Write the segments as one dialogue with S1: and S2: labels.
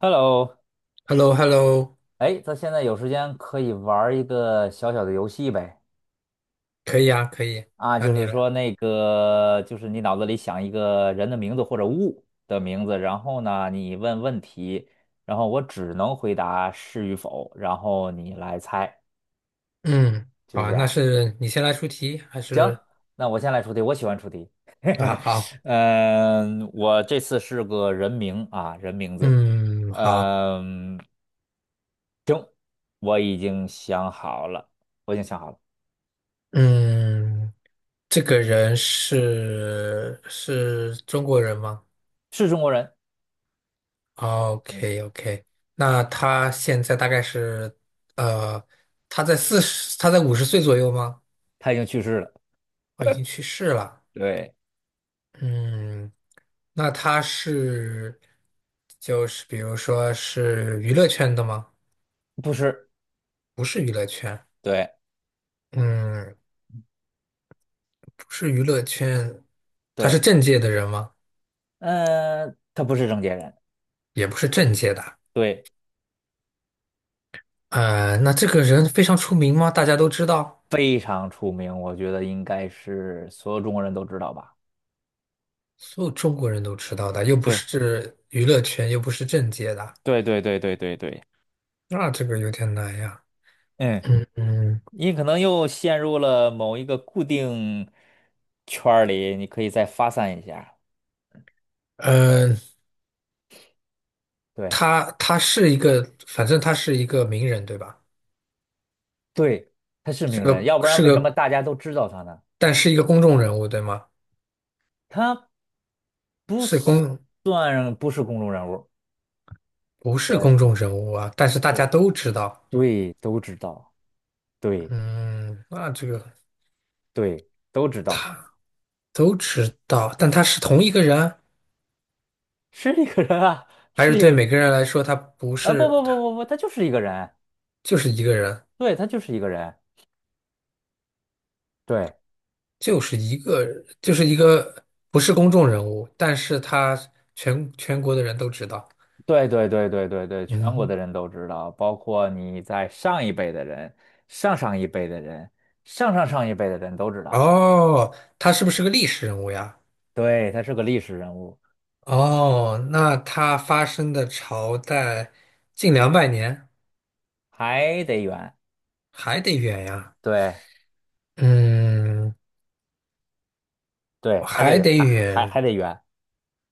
S1: Hello，
S2: Hello hello
S1: 哎，咱现在有时间可以玩儿一个小小的游戏呗？
S2: 可以啊，可以，
S1: 啊，
S2: 那
S1: 就
S2: 你
S1: 是
S2: 来。
S1: 说那个，就是你脑子里想一个人的名字或者物的名字，然后呢，你问问题，然后我只能回答是与否，然后你来猜，
S2: 嗯，
S1: 就
S2: 好
S1: 是这
S2: 啊，那
S1: 样。
S2: 是你先来出题还
S1: 行，
S2: 是
S1: 那我先来出题，我喜欢出题。
S2: 啊？好，
S1: 嗯，我这次是个人名啊，人名字。
S2: 嗯，好，
S1: 嗯，我已经想好了，我已经想好了，
S2: 嗯，这个人是中国人吗
S1: 是中国人。嗯。
S2: ？OK OK，那他现在大概是呃，他在50岁左右吗？
S1: 他已经去世了。
S2: 哦，已经去世了。
S1: 对，
S2: 嗯，那他是就是比如说是娱乐圈的吗？
S1: 不是，
S2: 不是娱乐圈。
S1: 对
S2: 嗯，不是娱乐圈，他是
S1: 对，
S2: 政界的人吗？
S1: 他不是郑解人，
S2: 也不是政界的。
S1: 对，
S2: 那这个人非常出名吗？大家都知道，
S1: 非常出名，我觉得应该是所有中国人都知道吧。
S2: 所有中国人都知道的，又不是娱乐圈，又不是政界的，
S1: 对对对对对对对，
S2: 那这个有点难呀。
S1: 嗯，
S2: 嗯嗯，
S1: 你可能又陷入了某一个固定圈儿里，你可以再发散一下。
S2: 呃，
S1: 对，
S2: 他他是一个，反正他是一个名人，对吧？
S1: 对，他是
S2: 是
S1: 名人，
S2: 个
S1: 要不然
S2: 是
S1: 为什么
S2: 个，
S1: 大家都知道他呢？
S2: 但是一个公众人物，对吗？
S1: 他不
S2: 是公，
S1: 算不是公众人物。
S2: 不是
S1: 对
S2: 公众人物啊，但是大
S1: 对，
S2: 家都知道。
S1: 对，都知道。对。
S2: 嗯，那这个。
S1: 对，都知道
S2: 都知道，但他是同一个人，
S1: 是一个人啊，
S2: 还是
S1: 是一个
S2: 对
S1: 人
S2: 每个人来说，他不
S1: 啊，不
S2: 是，
S1: 不不
S2: 他
S1: 不不，他就是一个人，
S2: 就是一个人，
S1: 对，他就是一个人，对
S2: 就是一个，就是一个不是公众人物，但是他全国的人都知道。
S1: 对对对对对对，全国的
S2: 嗯，
S1: 人都知道，包括你在上一辈的人、上上一辈的人、上上上一辈的人都知道，
S2: 哦，他是不是个历史人物呀？
S1: 对，他是个历史人物，
S2: 哦，那他发生的朝代近200年，
S1: 还得圆，
S2: 还得远呀。
S1: 对
S2: 嗯，
S1: 对，还得
S2: 还
S1: 圆，
S2: 得
S1: 还
S2: 远，
S1: 得圆，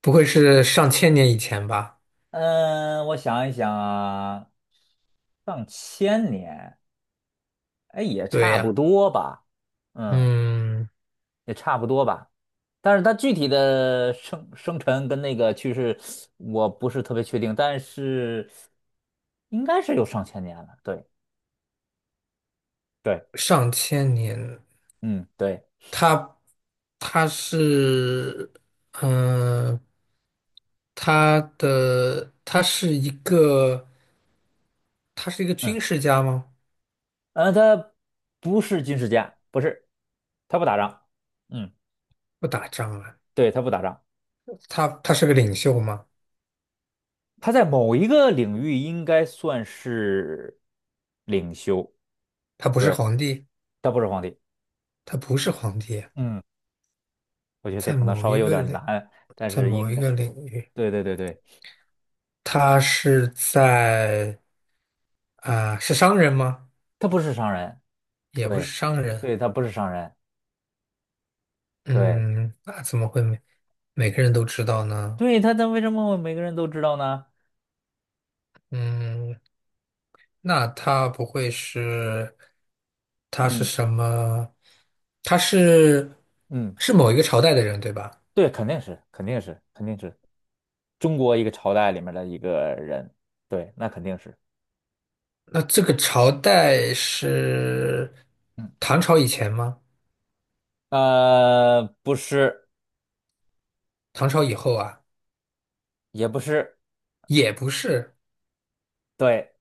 S2: 不会是上千年以前吧？
S1: 嗯，我想一想啊，上千年，哎，也
S2: 对
S1: 差不
S2: 呀。
S1: 多吧，嗯，
S2: 嗯。
S1: 也差不多吧。但是他具体的生辰跟那个趋势，我不是特别确定，但是应该是有上千年了。对对，
S2: 上千年，
S1: 嗯对
S2: 他，他是嗯、呃他的他是一个，他是一个
S1: 嗯，
S2: 军事家吗？
S1: 他不是军事家，不是，他不打仗。嗯，
S2: 不打仗啊，
S1: 对，他不打仗，
S2: 他是个领袖吗？
S1: 他在某一个领域应该算是领袖。
S2: 他不是
S1: 对，
S2: 皇帝，
S1: 他不是皇帝。
S2: 他不是皇帝啊，
S1: 嗯，我觉得这
S2: 在
S1: 可能
S2: 某
S1: 稍
S2: 一
S1: 微有
S2: 个
S1: 点
S2: 领，
S1: 难，但
S2: 在
S1: 是
S2: 某
S1: 应
S2: 一
S1: 该，
S2: 个领域，
S1: 对对对对，
S2: 他是在啊、是商人吗？
S1: 他不是商人。
S2: 也不是
S1: 对
S2: 商人，
S1: 对，他不是商人。对
S2: 嗯，那怎么会每个人都知道呢？
S1: 对，他为什么每个人都知道呢？
S2: 嗯，那他不会是，他是
S1: 嗯
S2: 什么？他是
S1: 嗯，
S2: 是某一个朝代的人，对吧？
S1: 对，肯定是，肯定是，肯定是中国一个朝代里面的一个人，对，那肯定是，
S2: 那这个朝代是
S1: 嗯，
S2: 唐朝以前吗？
S1: 不是，
S2: 唐朝以后啊？
S1: 也不是，
S2: 也不是，
S1: 对，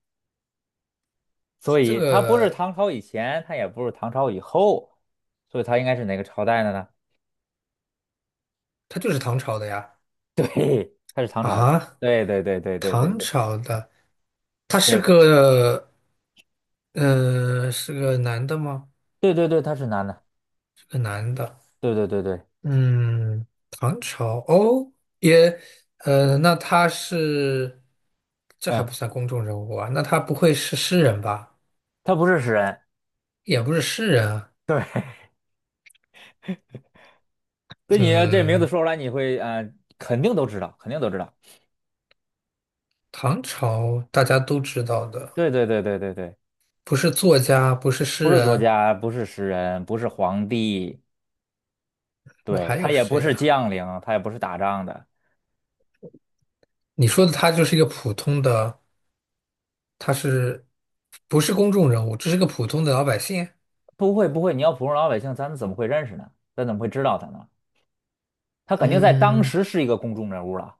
S1: 所
S2: 这
S1: 以他不是
S2: 个
S1: 唐朝以前，他也不是唐朝以后，所以他应该是哪个朝代的呢？
S2: 他就是唐朝的呀。
S1: 对，他是唐朝的，
S2: 啊，
S1: 对对对对对对
S2: 唐
S1: 对
S2: 朝的，他是
S1: 对
S2: 个，呃，是个男的吗？
S1: 对对对，他是男的，
S2: 是个男的。
S1: 对对对对，
S2: 嗯，唐朝哦，也，呃，那他是，这还
S1: 嗯，
S2: 不算公众人物啊？那他不会是诗人吧？
S1: 他不是诗人，
S2: 也不是诗人啊。
S1: 对。对你这名字
S2: 嗯，
S1: 说出来，你会肯定都知道，肯定都知道。
S2: 唐朝大家都知道的，
S1: 对对对对对对，
S2: 不是作家，不是诗
S1: 不是作
S2: 人，
S1: 家，不是诗人，不是皇帝，
S2: 那
S1: 对，
S2: 还
S1: 他
S2: 有
S1: 也不
S2: 谁
S1: 是
S2: 呀？
S1: 将领，他也不是打仗的。
S2: 你说的他就是一个普通的，他是不是公众人物？只是个普通的老百姓。
S1: 不会不会，你要普通老百姓，咱怎么会认识呢？咱怎么会知道他呢？他肯定在当
S2: 嗯，
S1: 时是一个公众人物了。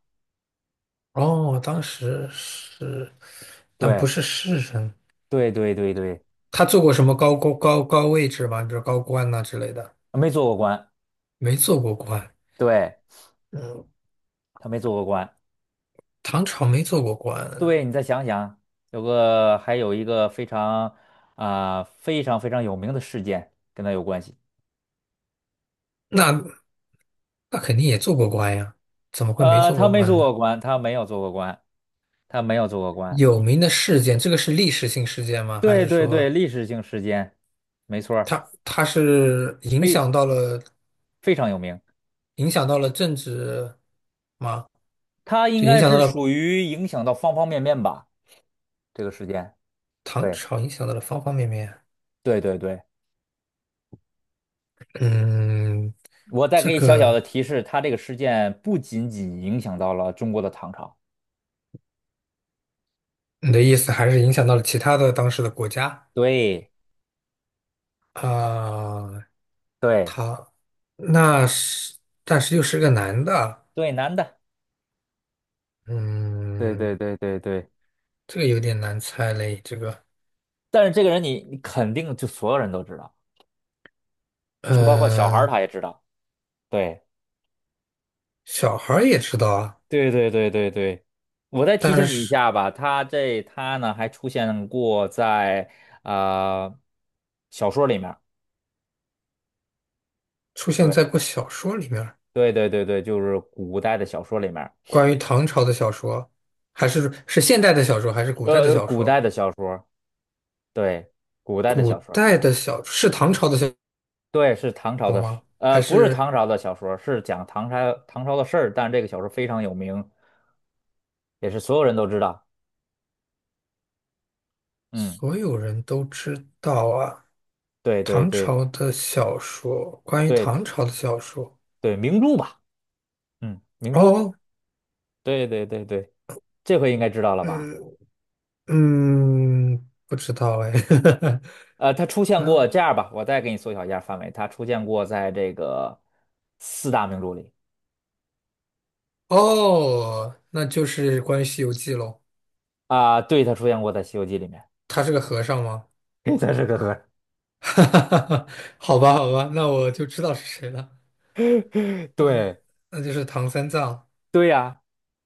S2: 哦，当时是，但
S1: 对
S2: 不是诗人。
S1: 对对对对，
S2: 他做过什么高位置吗？比如高官呐、之类的，
S1: 没做过官，
S2: 没做过官。
S1: 对，
S2: 嗯，
S1: 他没做过官。
S2: 唐朝没做过官，
S1: 对，你再想想，有个还有一个非常非常有名的事件跟他有关系。
S2: 那那肯定也做过官呀，怎么会没做
S1: 他
S2: 过
S1: 没
S2: 官
S1: 做
S2: 呢？
S1: 过官，他没有做过官，他没有做过官。
S2: 有名的事件，这个是历史性事件吗？还
S1: 对
S2: 是
S1: 对对，
S2: 说
S1: 历史性事件，没错儿，
S2: 他是影
S1: 非
S2: 响到了
S1: 非常有名。
S2: 影响到了政治吗？
S1: 他应
S2: 就影
S1: 该
S2: 响到
S1: 是属
S2: 了
S1: 于影响到方方面面吧，这个事件。
S2: 唐
S1: 对
S2: 朝，影响到了方方面面。
S1: 对对对，
S2: 嗯，
S1: 我再
S2: 这
S1: 给你小小的
S2: 个
S1: 提示，他这个事件不仅仅影响到了中国的唐朝。
S2: 你的意思还是影响到了其他的当时的国家
S1: 对
S2: 啊？
S1: 对
S2: 他那是，但是又是个男的，
S1: 对，男的。对对
S2: 嗯，
S1: 对对对，
S2: 这个有点难猜嘞。这个，
S1: 但是这个人你肯定就所有人都知道，就包括小孩儿
S2: 嗯，
S1: 他也知道。对。
S2: 小孩儿也知道啊，
S1: 对对对对对，我再提
S2: 但
S1: 醒你一
S2: 是
S1: 下吧，他呢还出现过在啊、呃小说里面儿
S2: 出现
S1: 对
S2: 在过小说里面儿
S1: 对对对对，就是古代的小说里面儿
S2: 关于唐朝的小说，还是现代的小说，还是古代的小
S1: 古代
S2: 说？
S1: 的小说，对，古代的
S2: 古
S1: 小说，
S2: 代的小是唐朝的小
S1: 对，是唐朝
S2: 说
S1: 的事，
S2: 吗？还
S1: 不是
S2: 是
S1: 唐朝的小说，是讲唐朝的事儿，但是这个小说非常有名，也是所有人都知道，嗯，
S2: 所有人都知道啊？
S1: 对对
S2: 唐
S1: 对
S2: 朝的小说，关于
S1: 对
S2: 唐朝的小说，
S1: 对，明珠吧，嗯，明珠，
S2: 哦。
S1: 对对对对，这回应该知道了吧？
S2: 嗯，嗯，不知道哎，
S1: 他出 现
S2: 他
S1: 过，这样吧，我再给你缩小一下范围，他出现过在这个四大名著里
S2: 哦，那就是关于《西游记》喽。
S1: 啊、对，他出现过在《西游记》里面。
S2: 他是个和尚吗？
S1: 它是个和尚
S2: 哈哈哈好吧，好吧，那我就知道是谁了，
S1: 对
S2: 那就是唐三藏。
S1: 对呀，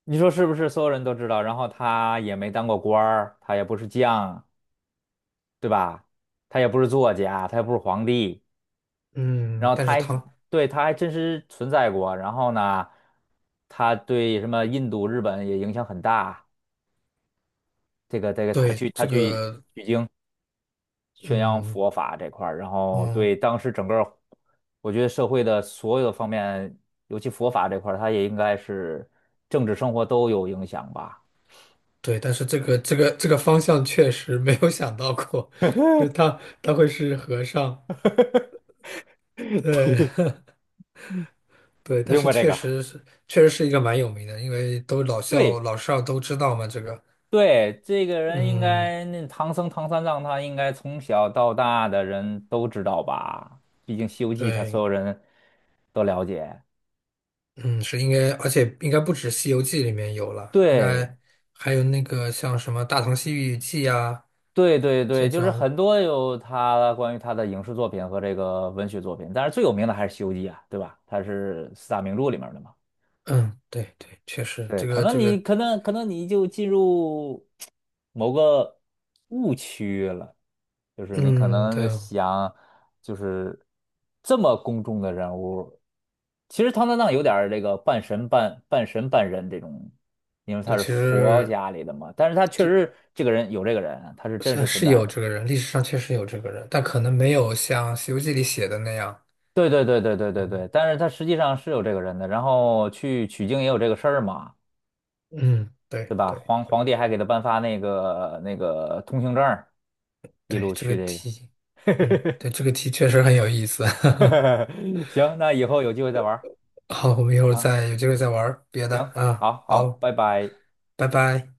S1: 你说是不是？所有人都知道，然后他也没当过官儿，他也不是将，对吧？他也不是作家，他也不是皇帝，然
S2: 嗯，
S1: 后
S2: 但
S1: 他
S2: 是
S1: 还
S2: 唐，
S1: 对他还真实存在过。然后呢，他对什么印度、日本也影响很大。这个，他去
S2: 对，
S1: 他
S2: 这
S1: 去
S2: 个，
S1: 宣扬
S2: 嗯，
S1: 佛法这块儿，然后
S2: 嗯，
S1: 对当时整个儿我觉得社会的所有的方面，尤其佛法这块儿，它也应该是政治生活都有影响吧。
S2: 对，但是这个方向确实没有想到过，就是他会是和尚。对对，但
S1: 听
S2: 是
S1: 过这
S2: 确
S1: 个？
S2: 实是确实是一个蛮有名的，因为都老校
S1: 对
S2: 老少都知道嘛，这个。
S1: 对，这个人应
S2: 嗯，
S1: 该那唐僧唐三藏，他应该从小到大的人都知道吧？毕竟《西游记》，他所有
S2: 对，
S1: 人都了解。
S2: 嗯，是应该，而且应该不止《西游记》里面有了，应
S1: 对
S2: 该还有那个像什么《大唐西域记》啊
S1: 对对对，
S2: 这
S1: 就是
S2: 种，
S1: 很多有他关于他的影视作品和这个文学作品，但是最有名的还是《西游记》啊，对吧？它是四大名著里面的嘛。
S2: 嗯，对对，确实，
S1: 对，可能你可能可能你就进入某个误区了，就是你可
S2: 嗯，
S1: 能
S2: 对
S1: 想就是这么公众的人物，其实唐三藏有点儿这个半神半人这种，因为他
S2: 对，
S1: 是
S2: 其
S1: 佛
S2: 实
S1: 家里的嘛，但是他确实这个人有这个人啊，他是
S2: 这
S1: 真实
S2: 是
S1: 存
S2: 是
S1: 在
S2: 有
S1: 的。
S2: 这个人，历史上确实有这个人，但可能没有像《西游记》里写的那样，
S1: 对对对对对对对，但是他实际上是有这个人的，然后去取经也有这个事儿嘛，
S2: 嗯，
S1: 对
S2: 对
S1: 吧？
S2: 对
S1: 皇皇
S2: 对
S1: 帝还
S2: 对
S1: 给他颁发那个通行证儿，一
S2: 对，
S1: 路
S2: 这个
S1: 去这个。
S2: 题，嗯，对，这个题确实很有意思，
S1: 行，那以后有机会再玩儿
S2: 好，我们一会儿
S1: 啊。
S2: 再有机会再玩儿别的
S1: 行，
S2: 啊。
S1: 好好，
S2: 好，
S1: 拜拜。
S2: 拜拜。